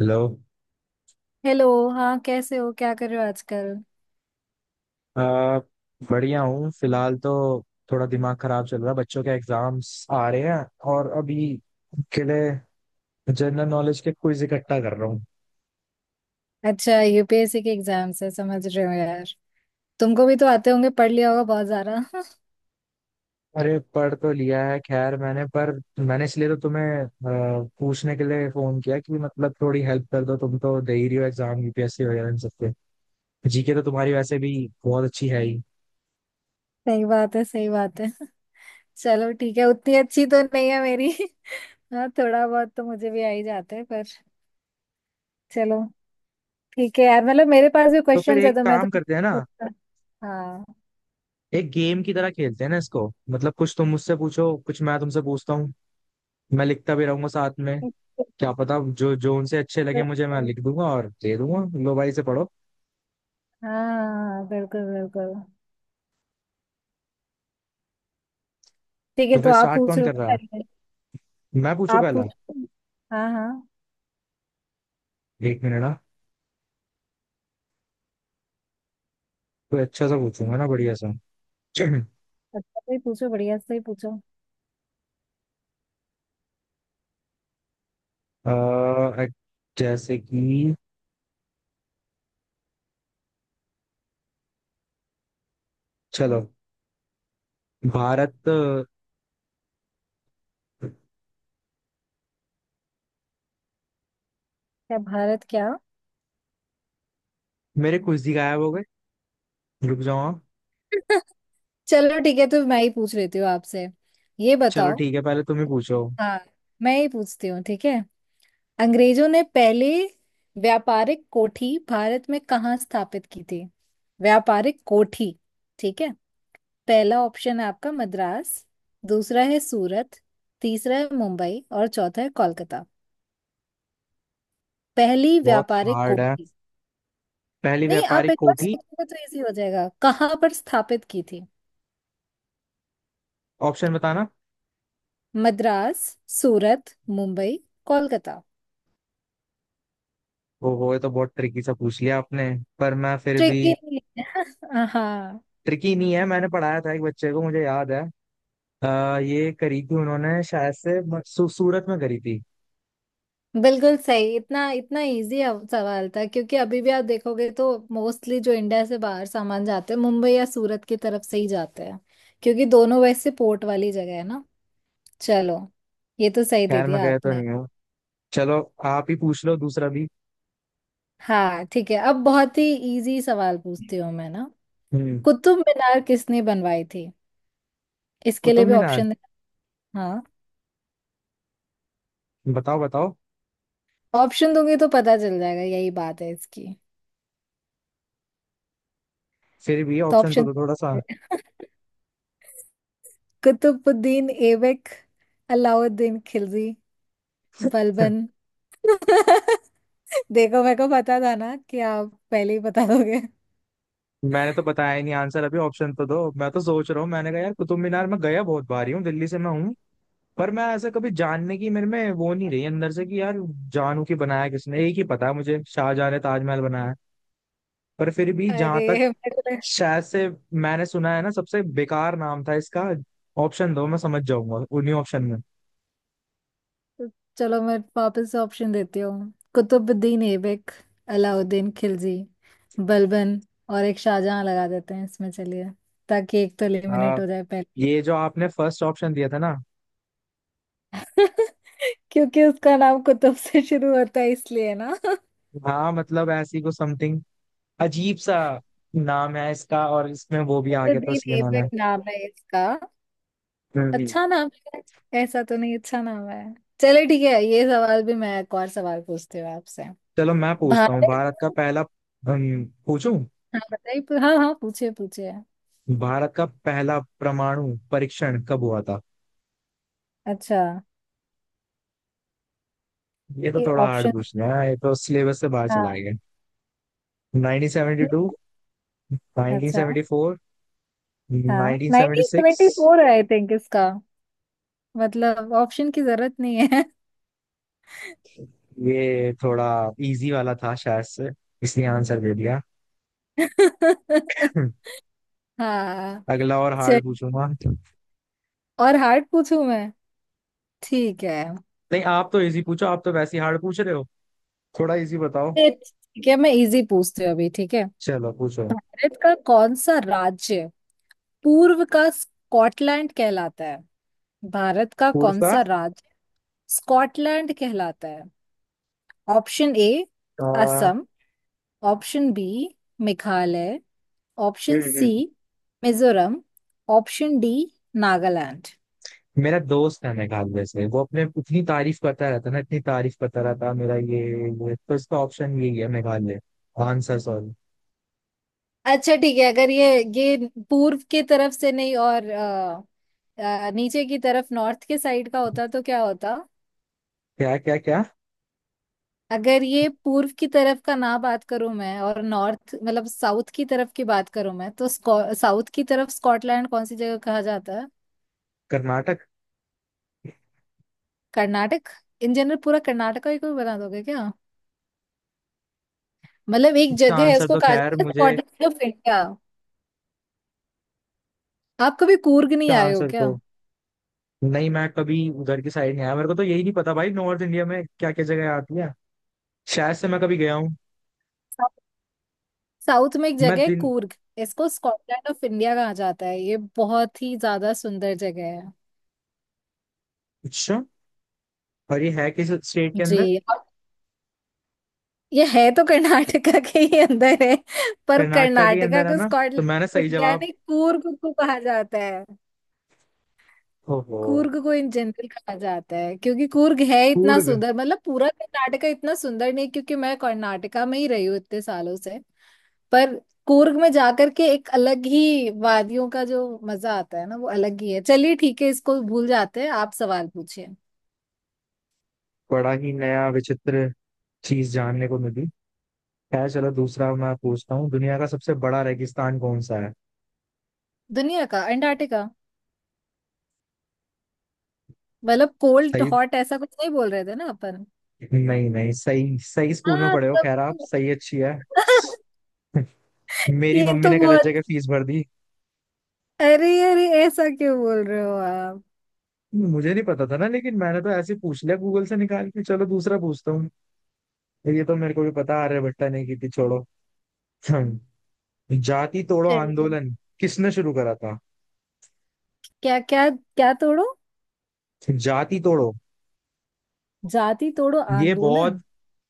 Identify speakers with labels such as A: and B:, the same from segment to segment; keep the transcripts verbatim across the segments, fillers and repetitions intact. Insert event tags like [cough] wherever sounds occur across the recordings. A: Hello.
B: Hello. हाँ कैसे हो? क्या कर रहे हो आजकल?
A: आ, बढ़िया हूँ फिलहाल तो थोड़ा दिमाग खराब चल रहा है, बच्चों के एग्जाम्स आ रहे हैं और अभी के लिए जनरल नॉलेज के क्विज इकट्ठा कर रहा हूँ।
B: अच्छा, यूपीएससी के एग्जाम्स है। समझ रहे हो यार। तुमको भी तो आते होंगे, पढ़ लिया होगा बहुत सारा। [laughs]
A: अरे पढ़ तो लिया है खैर मैंने, पर मैंने इसलिए तो तुम्हें अ, पूछने के लिए फोन किया कि मतलब थोड़ी हेल्प कर दो। तुम तो दे ही रही हो exam U P S C वगैरह, इन सबके जी के तो तुम्हारी वैसे भी बहुत अच्छी है ही।
B: सही बात है, सही बात है। चलो ठीक है, उतनी अच्छी तो नहीं है मेरी। [laughs] हाँ, थोड़ा बहुत तो मुझे भी आ ही जाता है पर। चलो ठीक है यार, मतलब मेरे पास भी
A: तो फिर
B: क्वेश्चंस है
A: एक
B: तो मैं
A: काम करते हैं ना,
B: तो। हाँ,
A: एक गेम की तरह खेलते हैं ना इसको। मतलब कुछ तुम मुझसे पूछो, कुछ मैं तुमसे पूछता हूँ। मैं लिखता भी रहूंगा साथ में।
B: बिल्कुल।
A: क्या पता जो जो उनसे अच्छे लगे मुझे, मैं लिख दूंगा और दे दूंगा, लो भाई से पढ़ो।
B: हाँ हाँ, बिल्कुल बिल्कुल। ठीक है,
A: तो
B: तो
A: फिर
B: आप
A: स्टार्ट
B: पूछ
A: कौन
B: रहे हो
A: कर रहा
B: ना
A: है?
B: पहले?
A: मैं पूछू
B: आप
A: पहला?
B: पूछो। हाँ हाँ।
A: एक मिनट ना, कोई अच्छा सा पूछूंगा ना, बढ़िया सा। [clears throat]
B: अच्छा से ही पूछो, बढ़िया से ही पूछो।
A: अ, जैसे कि चलो, भारत।
B: क्या भारत क्या?
A: मेरे कुछ ही गायब हो गए, रुक जाओ आप।
B: [laughs] चलो ठीक है, तो मैं ही पूछ लेती हूँ आपसे। ये
A: चलो
B: बताओ।
A: ठीक है, पहले तुम ही पूछो।
B: हाँ, मैं ही पूछती हूँ ठीक है। अंग्रेजों ने पहले व्यापारिक कोठी भारत में कहाँ स्थापित की थी? व्यापारिक कोठी। ठीक है। पहला ऑप्शन है आपका मद्रास, दूसरा है सूरत, तीसरा है मुंबई और चौथा है कोलकाता। पहली
A: बहुत
B: व्यापारिक
A: हार्ड है
B: कोठी।
A: पहली
B: नहीं, आप
A: व्यापारिक
B: एक बार
A: कोठी,
B: सोचोगे तो इजी हो जाएगा। कहाँ पर स्थापित की थी?
A: ऑप्शन बताना।
B: मद्रास, सूरत, मुंबई, कोलकाता।
A: ओहो ये तो बहुत ट्रिकी सा पूछ लिया आपने, पर मैं फिर भी।
B: ट्रिकी? [laughs] हाँ।
A: ट्रिकी नहीं है, मैंने पढ़ाया था एक बच्चे को, मुझे याद है। आ, ये करी थी उन्होंने शायद से म- सू, सूरत में करी थी।
B: बिल्कुल सही। इतना इतना इजी सवाल था, क्योंकि अभी भी आप देखोगे तो मोस्टली जो इंडिया से बाहर सामान जाते हैं मुंबई या सूरत की तरफ से ही जाते हैं, क्योंकि दोनों वैसे पोर्ट वाली जगह है ना। चलो, ये तो सही दे
A: खैर मैं
B: दिया
A: गया तो
B: आपने।
A: नहीं हूँ। चलो आप ही पूछ लो दूसरा भी।
B: हाँ ठीक है, अब बहुत ही इजी सवाल पूछती हूँ मैं ना।
A: हम्म।
B: कुतुब मीनार किसने बनवाई थी? इसके लिए
A: कुतुब
B: भी
A: मीनार?
B: ऑप्शन। हाँ।
A: बताओ बताओ।
B: ऑप्शन दूंगी तो पता चल जाएगा, यही बात है इसकी।
A: फिर भी
B: तो
A: ऑप्शन तो
B: ऑप्शन।
A: दो थोड़ा सा। [laughs]
B: [laughs] कुतुबुद्दीन ऐबक, अलाउद्दीन खिलजी, बलबन। [laughs] देखो, मेरे को पता था ना कि आप पहले ही बता दोगे।
A: मैंने तो बताया ही नहीं आंसर अभी, ऑप्शन तो दो। मैं तो सोच रहा हूँ, मैंने कहा यार कुतुब मीनार मैं गया बहुत बार ही हूँ, दिल्ली से मैं हूँ। पर मैं ऐसा कभी जानने की मेरे में वो नहीं रही अंदर से कि यार जानू की बनाया किसने। एक ही पता है मुझे, शाहजहां ने ताजमहल बनाया है। पर फिर भी जहां तक
B: अरे मेरे
A: शायद से मैंने सुना है ना, सबसे बेकार नाम था इसका। ऑप्शन दो मैं समझ जाऊंगा उन्हीं ऑप्शन में।
B: को- चलो मैं वापस ऑप्शन देती हूँ। कुतुबुद्दीन ऐबक, अलाउद्दीन खिलजी, बलबन और एक शाहजहां लगा देते हैं इसमें, चलिए। ताकि एक तो
A: हाँ,
B: एलिमिनेट हो जाए पहले।
A: ये जो आपने फर्स्ट ऑप्शन दिया था ना।
B: [laughs] क्योंकि उसका नाम कुतुब से शुरू होता है इसलिए ना। [laughs]
A: हाँ मतलब ऐसी को समथिंग अजीब सा नाम है इसका, और इसमें वो भी आ गया था,
B: कुतुबुद्दीन
A: इसलिए मैंने।
B: ऐबक नाम है इसका।
A: हम्म।
B: अच्छा नाम है। ऐसा तो नहीं अच्छा नाम है। चले ठीक है, ये सवाल भी मैं, एक और सवाल पूछती हूँ आपसे।
A: चलो मैं पूछता हूँ,
B: भारत।
A: भारत का पहला अम, पूछूं?
B: हाँ बताइए, हाँ हाँ, पूछिए पूछिए।
A: भारत का पहला परमाणु परीक्षण कब हुआ था?
B: अच्छा।
A: ये तो
B: ये
A: थोड़ा हार्ड
B: ऑप्शन।
A: पूछना है, ये तो सिलेबस से बाहर
B: हाँ।
A: चला गया। नाइनटीन सेवेंटी टू,
B: नहीं। अच्छा।
A: नाइनटीन सेवेंटी फोर,
B: हाँ, nineteen seventy
A: nineteen seventy six?
B: Four I think इसका। मतलब ऑप्शन की जरूरत नहीं है।
A: ये थोड़ा इजी वाला था शायद से, इसलिए आंसर दे दिया।
B: [laughs]
A: [clears throat] [laughs]
B: हाँ।
A: अगला और
B: चल
A: हार्ड पूछूंगा।
B: और हार्ड पूछूं मैं? ठीक है।
A: नहीं आप तो इजी पूछो, आप तो वैसे ही हार्ड पूछ रहे हो, थोड़ा इजी बताओ।
B: ये ठीक है, मैं इजी पूछती हूँ अभी ठीक है।
A: चलो पूछो।
B: भारत का कौन सा राज्य पूर्व का स्कॉटलैंड कहलाता है? भारत का कौन
A: पूर्वा।
B: सा राज्य स्कॉटलैंड कहलाता है? ऑप्शन ए
A: अ, हम्म।
B: Assam, option B Meghalaya, option
A: हम्म।
B: सी
A: हम्म।
B: Mizoram, option D Nagaland.
A: मेरा दोस्त है मेघालय से, वो अपने इतनी तारीफ करता रहता ना, इतनी तारीफ करता रहता मेरा ये। ये तो इसका ऑप्शन यही है, मेघालय। Answer sorry.
B: अच्छा ठीक है। अगर ये ये पूर्व के तरफ से नहीं और अ, अ, नीचे की तरफ नॉर्थ के साइड का होता तो क्या होता?
A: क्या क्या क्या?
B: अगर ये पूर्व की तरफ का ना, बात करूं मैं, और नॉर्थ मतलब साउथ की तरफ की बात करूं मैं, तो साउथ की तरफ स्कॉटलैंड कौन सी जगह कहा जाता है?
A: कर्नाटक।
B: कर्नाटक? इन जनरल पूरा कर्नाटका ही कोई बना दोगे क्या? मतलब एक
A: इसका
B: जगह है,
A: आंसर
B: उसको
A: तो
B: कहा
A: खैर
B: जाता है
A: मुझे,
B: स्कॉटलैंड ऑफ इंडिया। आप कभी कूर्ग नहीं
A: इसका
B: आए हो
A: आंसर
B: क्या?
A: तो नहीं। मैं कभी उधर की साइड नहीं आया, मेरे को तो यही नहीं पता भाई नॉर्थ इंडिया में क्या क्या जगह आती है। शायद से मैं कभी गया हूँ।
B: साउथ में एक
A: मैं
B: जगह है
A: दिन।
B: कूर्ग, इसको स्कॉटलैंड ऑफ इंडिया कहा जाता है। ये बहुत ही ज्यादा सुंदर जगह है।
A: अच्छा, और ये है किस स्टेट के
B: जी,
A: अंदर?
B: ये है तो कर्नाटका के ही अंदर है, पर
A: कर्नाटका के
B: कर्नाटका
A: अंदर है
B: को
A: ना, तो
B: स्कॉटलैंड
A: मैंने
B: ऑफ
A: सही
B: इंडिया
A: जवाब।
B: नहीं, कूर्ग को कहा जाता है।
A: ओहो।
B: कूर्ग को इन जनरल कहा जाता है क्योंकि कूर्ग है इतना
A: कूर्ग।
B: सुंदर, मतलब पूरा कर्नाटका इतना सुंदर नहीं, क्योंकि मैं कर्नाटका में ही रही हूँ इतने सालों से। पर कूर्ग में जाकर के एक अलग ही वादियों का जो मजा आता है ना वो अलग ही है। चलिए ठीक है, इसको भूल जाते हैं, आप सवाल पूछिए।
A: बड़ा ही नया विचित्र चीज जानने को मिली। खैर चलो दूसरा मैं पूछता हूँ, दुनिया का सबसे बड़ा रेगिस्तान कौन सा है?
B: दुनिया का अंटार्कटिका। मतलब कोल्ड
A: सही।
B: हॉट ऐसा कुछ नहीं बोल रहे थे ना अपन?
A: नहीं नहीं सही सही, स्कूल में
B: हाँ
A: पढ़े हो,
B: तब।
A: खैर आप सही अच्छी है।
B: [laughs]
A: [laughs] मेरी
B: ये
A: मम्मी
B: तो
A: ने गलत
B: बहुत।
A: जगह फीस भर दी।
B: अरे अरे, ऐसा क्यों बोल रहे हो आप?
A: मुझे नहीं पता था ना, लेकिन मैंने तो ऐसे ही पूछ लिया गूगल से निकाल के। चलो दूसरा पूछता हूँ। ये तो मेरे को भी पता, आर्यभट्टा ने की थी, छोड़ो। हम्म, जाति तोड़ो
B: चलिए।
A: आंदोलन किसने शुरू करा था?
B: क्या क्या क्या तोड़ो?
A: जाति तोड़ो।
B: जाति तोड़ो
A: ये बहुत,
B: आंदोलन।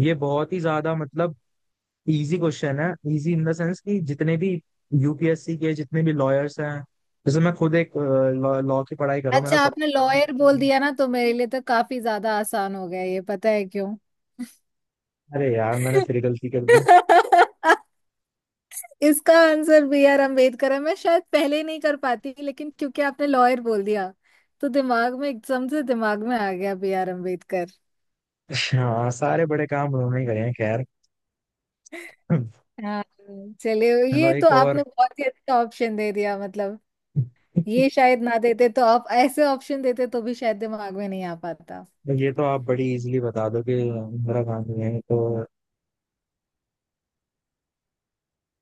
A: ये बहुत ही ज्यादा मतलब इजी क्वेश्चन है। इजी इन द सेंस कि जितने भी यू पी एस सी के, जितने भी लॉयर्स हैं, जैसे मैं खुद एक लॉ की पढ़ाई कर रहा हूँ, मेरा
B: अच्छा,
A: फर्स्ट
B: आपने
A: है, मेरे
B: लॉयर
A: को
B: बोल
A: भी-
B: दिया ना, तो मेरे लिए तो काफी ज्यादा आसान हो गया। ये पता है क्यों?
A: अरे यार मैंने फिर गलती कर दी।
B: [laughs] इसका आंसर बी आर अम्बेडकर है। मैं शायद पहले नहीं कर पाती, लेकिन क्योंकि आपने लॉयर बोल दिया, तो दिमाग में एकदम से, दिमाग में आ गया बी आर अम्बेडकर।
A: हाँ सारे बड़े काम उन्होंने ही करे हैं खैर। [laughs]
B: हाँ चलिए,
A: चलो
B: ये तो
A: एक और।
B: आपने बहुत ही अच्छा ऑप्शन दे दिया, मतलब ये
A: [laughs]
B: शायद ना देते तो, आप ऐसे ऑप्शन देते तो भी शायद दिमाग में नहीं आ पाता।
A: तो ये तो आप बड़ी इजीली बता दो कि इंदिरा गांधी है तो।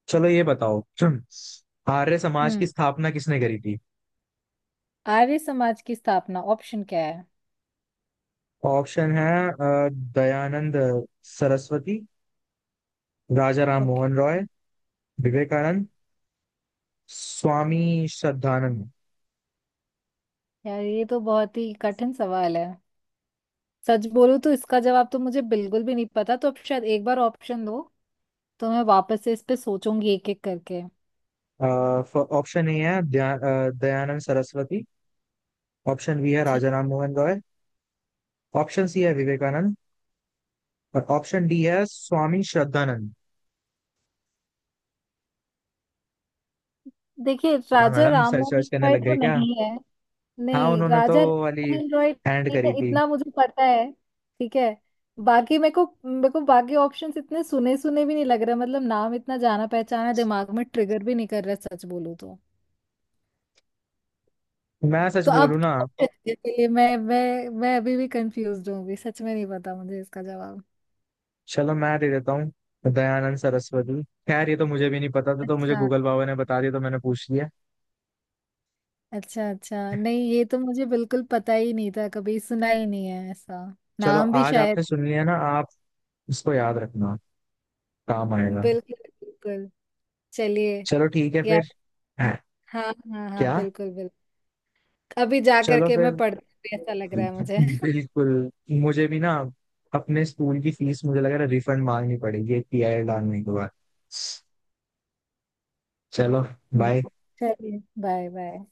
A: चलो ये बताओ। [clears throat] आर्य समाज
B: हम्म।
A: की स्थापना किसने करी थी?
B: आर्य समाज की स्थापना ऑप्शन क्या है?
A: ऑप्शन है अ, दयानंद सरस्वती, राजा राम
B: ओके।
A: मोहन रॉय, विवेकानंद, स्वामी श्रद्धानंद।
B: यार ये तो बहुत ही कठिन सवाल है, सच बोलूं तो इसका जवाब तो मुझे बिल्कुल भी नहीं पता। तो आप शायद एक बार ऑप्शन दो, तो मैं वापस से इस पे सोचूंगी एक एक करके।
A: ऑप्शन ए है दया- अ, दयानंद सरस्वती। ऑप्शन बी है
B: ठीक।
A: राजा राम मोहन रॉय। ऑप्शन सी है विवेकानंद। और ऑप्शन डी है स्वामी श्रद्धानंद।
B: देखिए,
A: हाँ
B: राजा
A: मैडम
B: राम
A: सर्च
B: मोहन
A: वर्च करने
B: रॉय
A: लग
B: तो
A: गए क्या?
B: नहीं है।
A: हाँ
B: नहीं,
A: उन्होंने तो
B: राजा
A: वाली
B: राममोहन रॉय
A: हैंड
B: नहीं है
A: करी थी।
B: इतना मुझे पता है। ठीक है। बाकी मेरे को मेरे को बाकी ऑप्शंस इतने सुने सुने भी नहीं लग रहा, मतलब नाम इतना जाना पहचाना दिमाग में ट्रिगर भी नहीं कर रहा सच बोलूं तो।
A: मैं सच
B: तो अब
A: बोलूं ना,
B: [laughs] लिए मैं, मैं मैं अभी भी कंफ्यूज हूँ, अभी सच में नहीं पता मुझे इसका जवाब।
A: चलो मैं दे देता हूँ दयानंद सरस्वती। खैर ये तो मुझे भी नहीं पता था, तो मुझे
B: अच्छा
A: गूगल बाबा ने बता दिया तो मैंने पूछ लिया।
B: अच्छा, अच्छा नहीं, ये तो मुझे बिल्कुल पता ही नहीं था, कभी सुना ही नहीं है ऐसा
A: चलो
B: नाम भी
A: आज
B: शायद।
A: आपने सुन लिया ना आप, इसको याद रखना, काम आएगा।
B: बिल्कुल बिल्कुल। चलिए।
A: चलो ठीक है
B: यार।
A: फिर। हैं?
B: हाँ हाँ हाँ,
A: क्या?
B: बिल्कुल बिल्कुल। अभी जा
A: चलो
B: करके मैं
A: फिर।
B: पढ़ती हूँ, ऐसा लग रहा है मुझे।
A: बिल्कुल। मुझे भी ना अपने स्कूल की फीस मुझे लग रहा है रिफंड मांगनी पड़ेगी एक पी आई डालने के बाद। चलो बाय।
B: [laughs] चलिए, बाय बाय।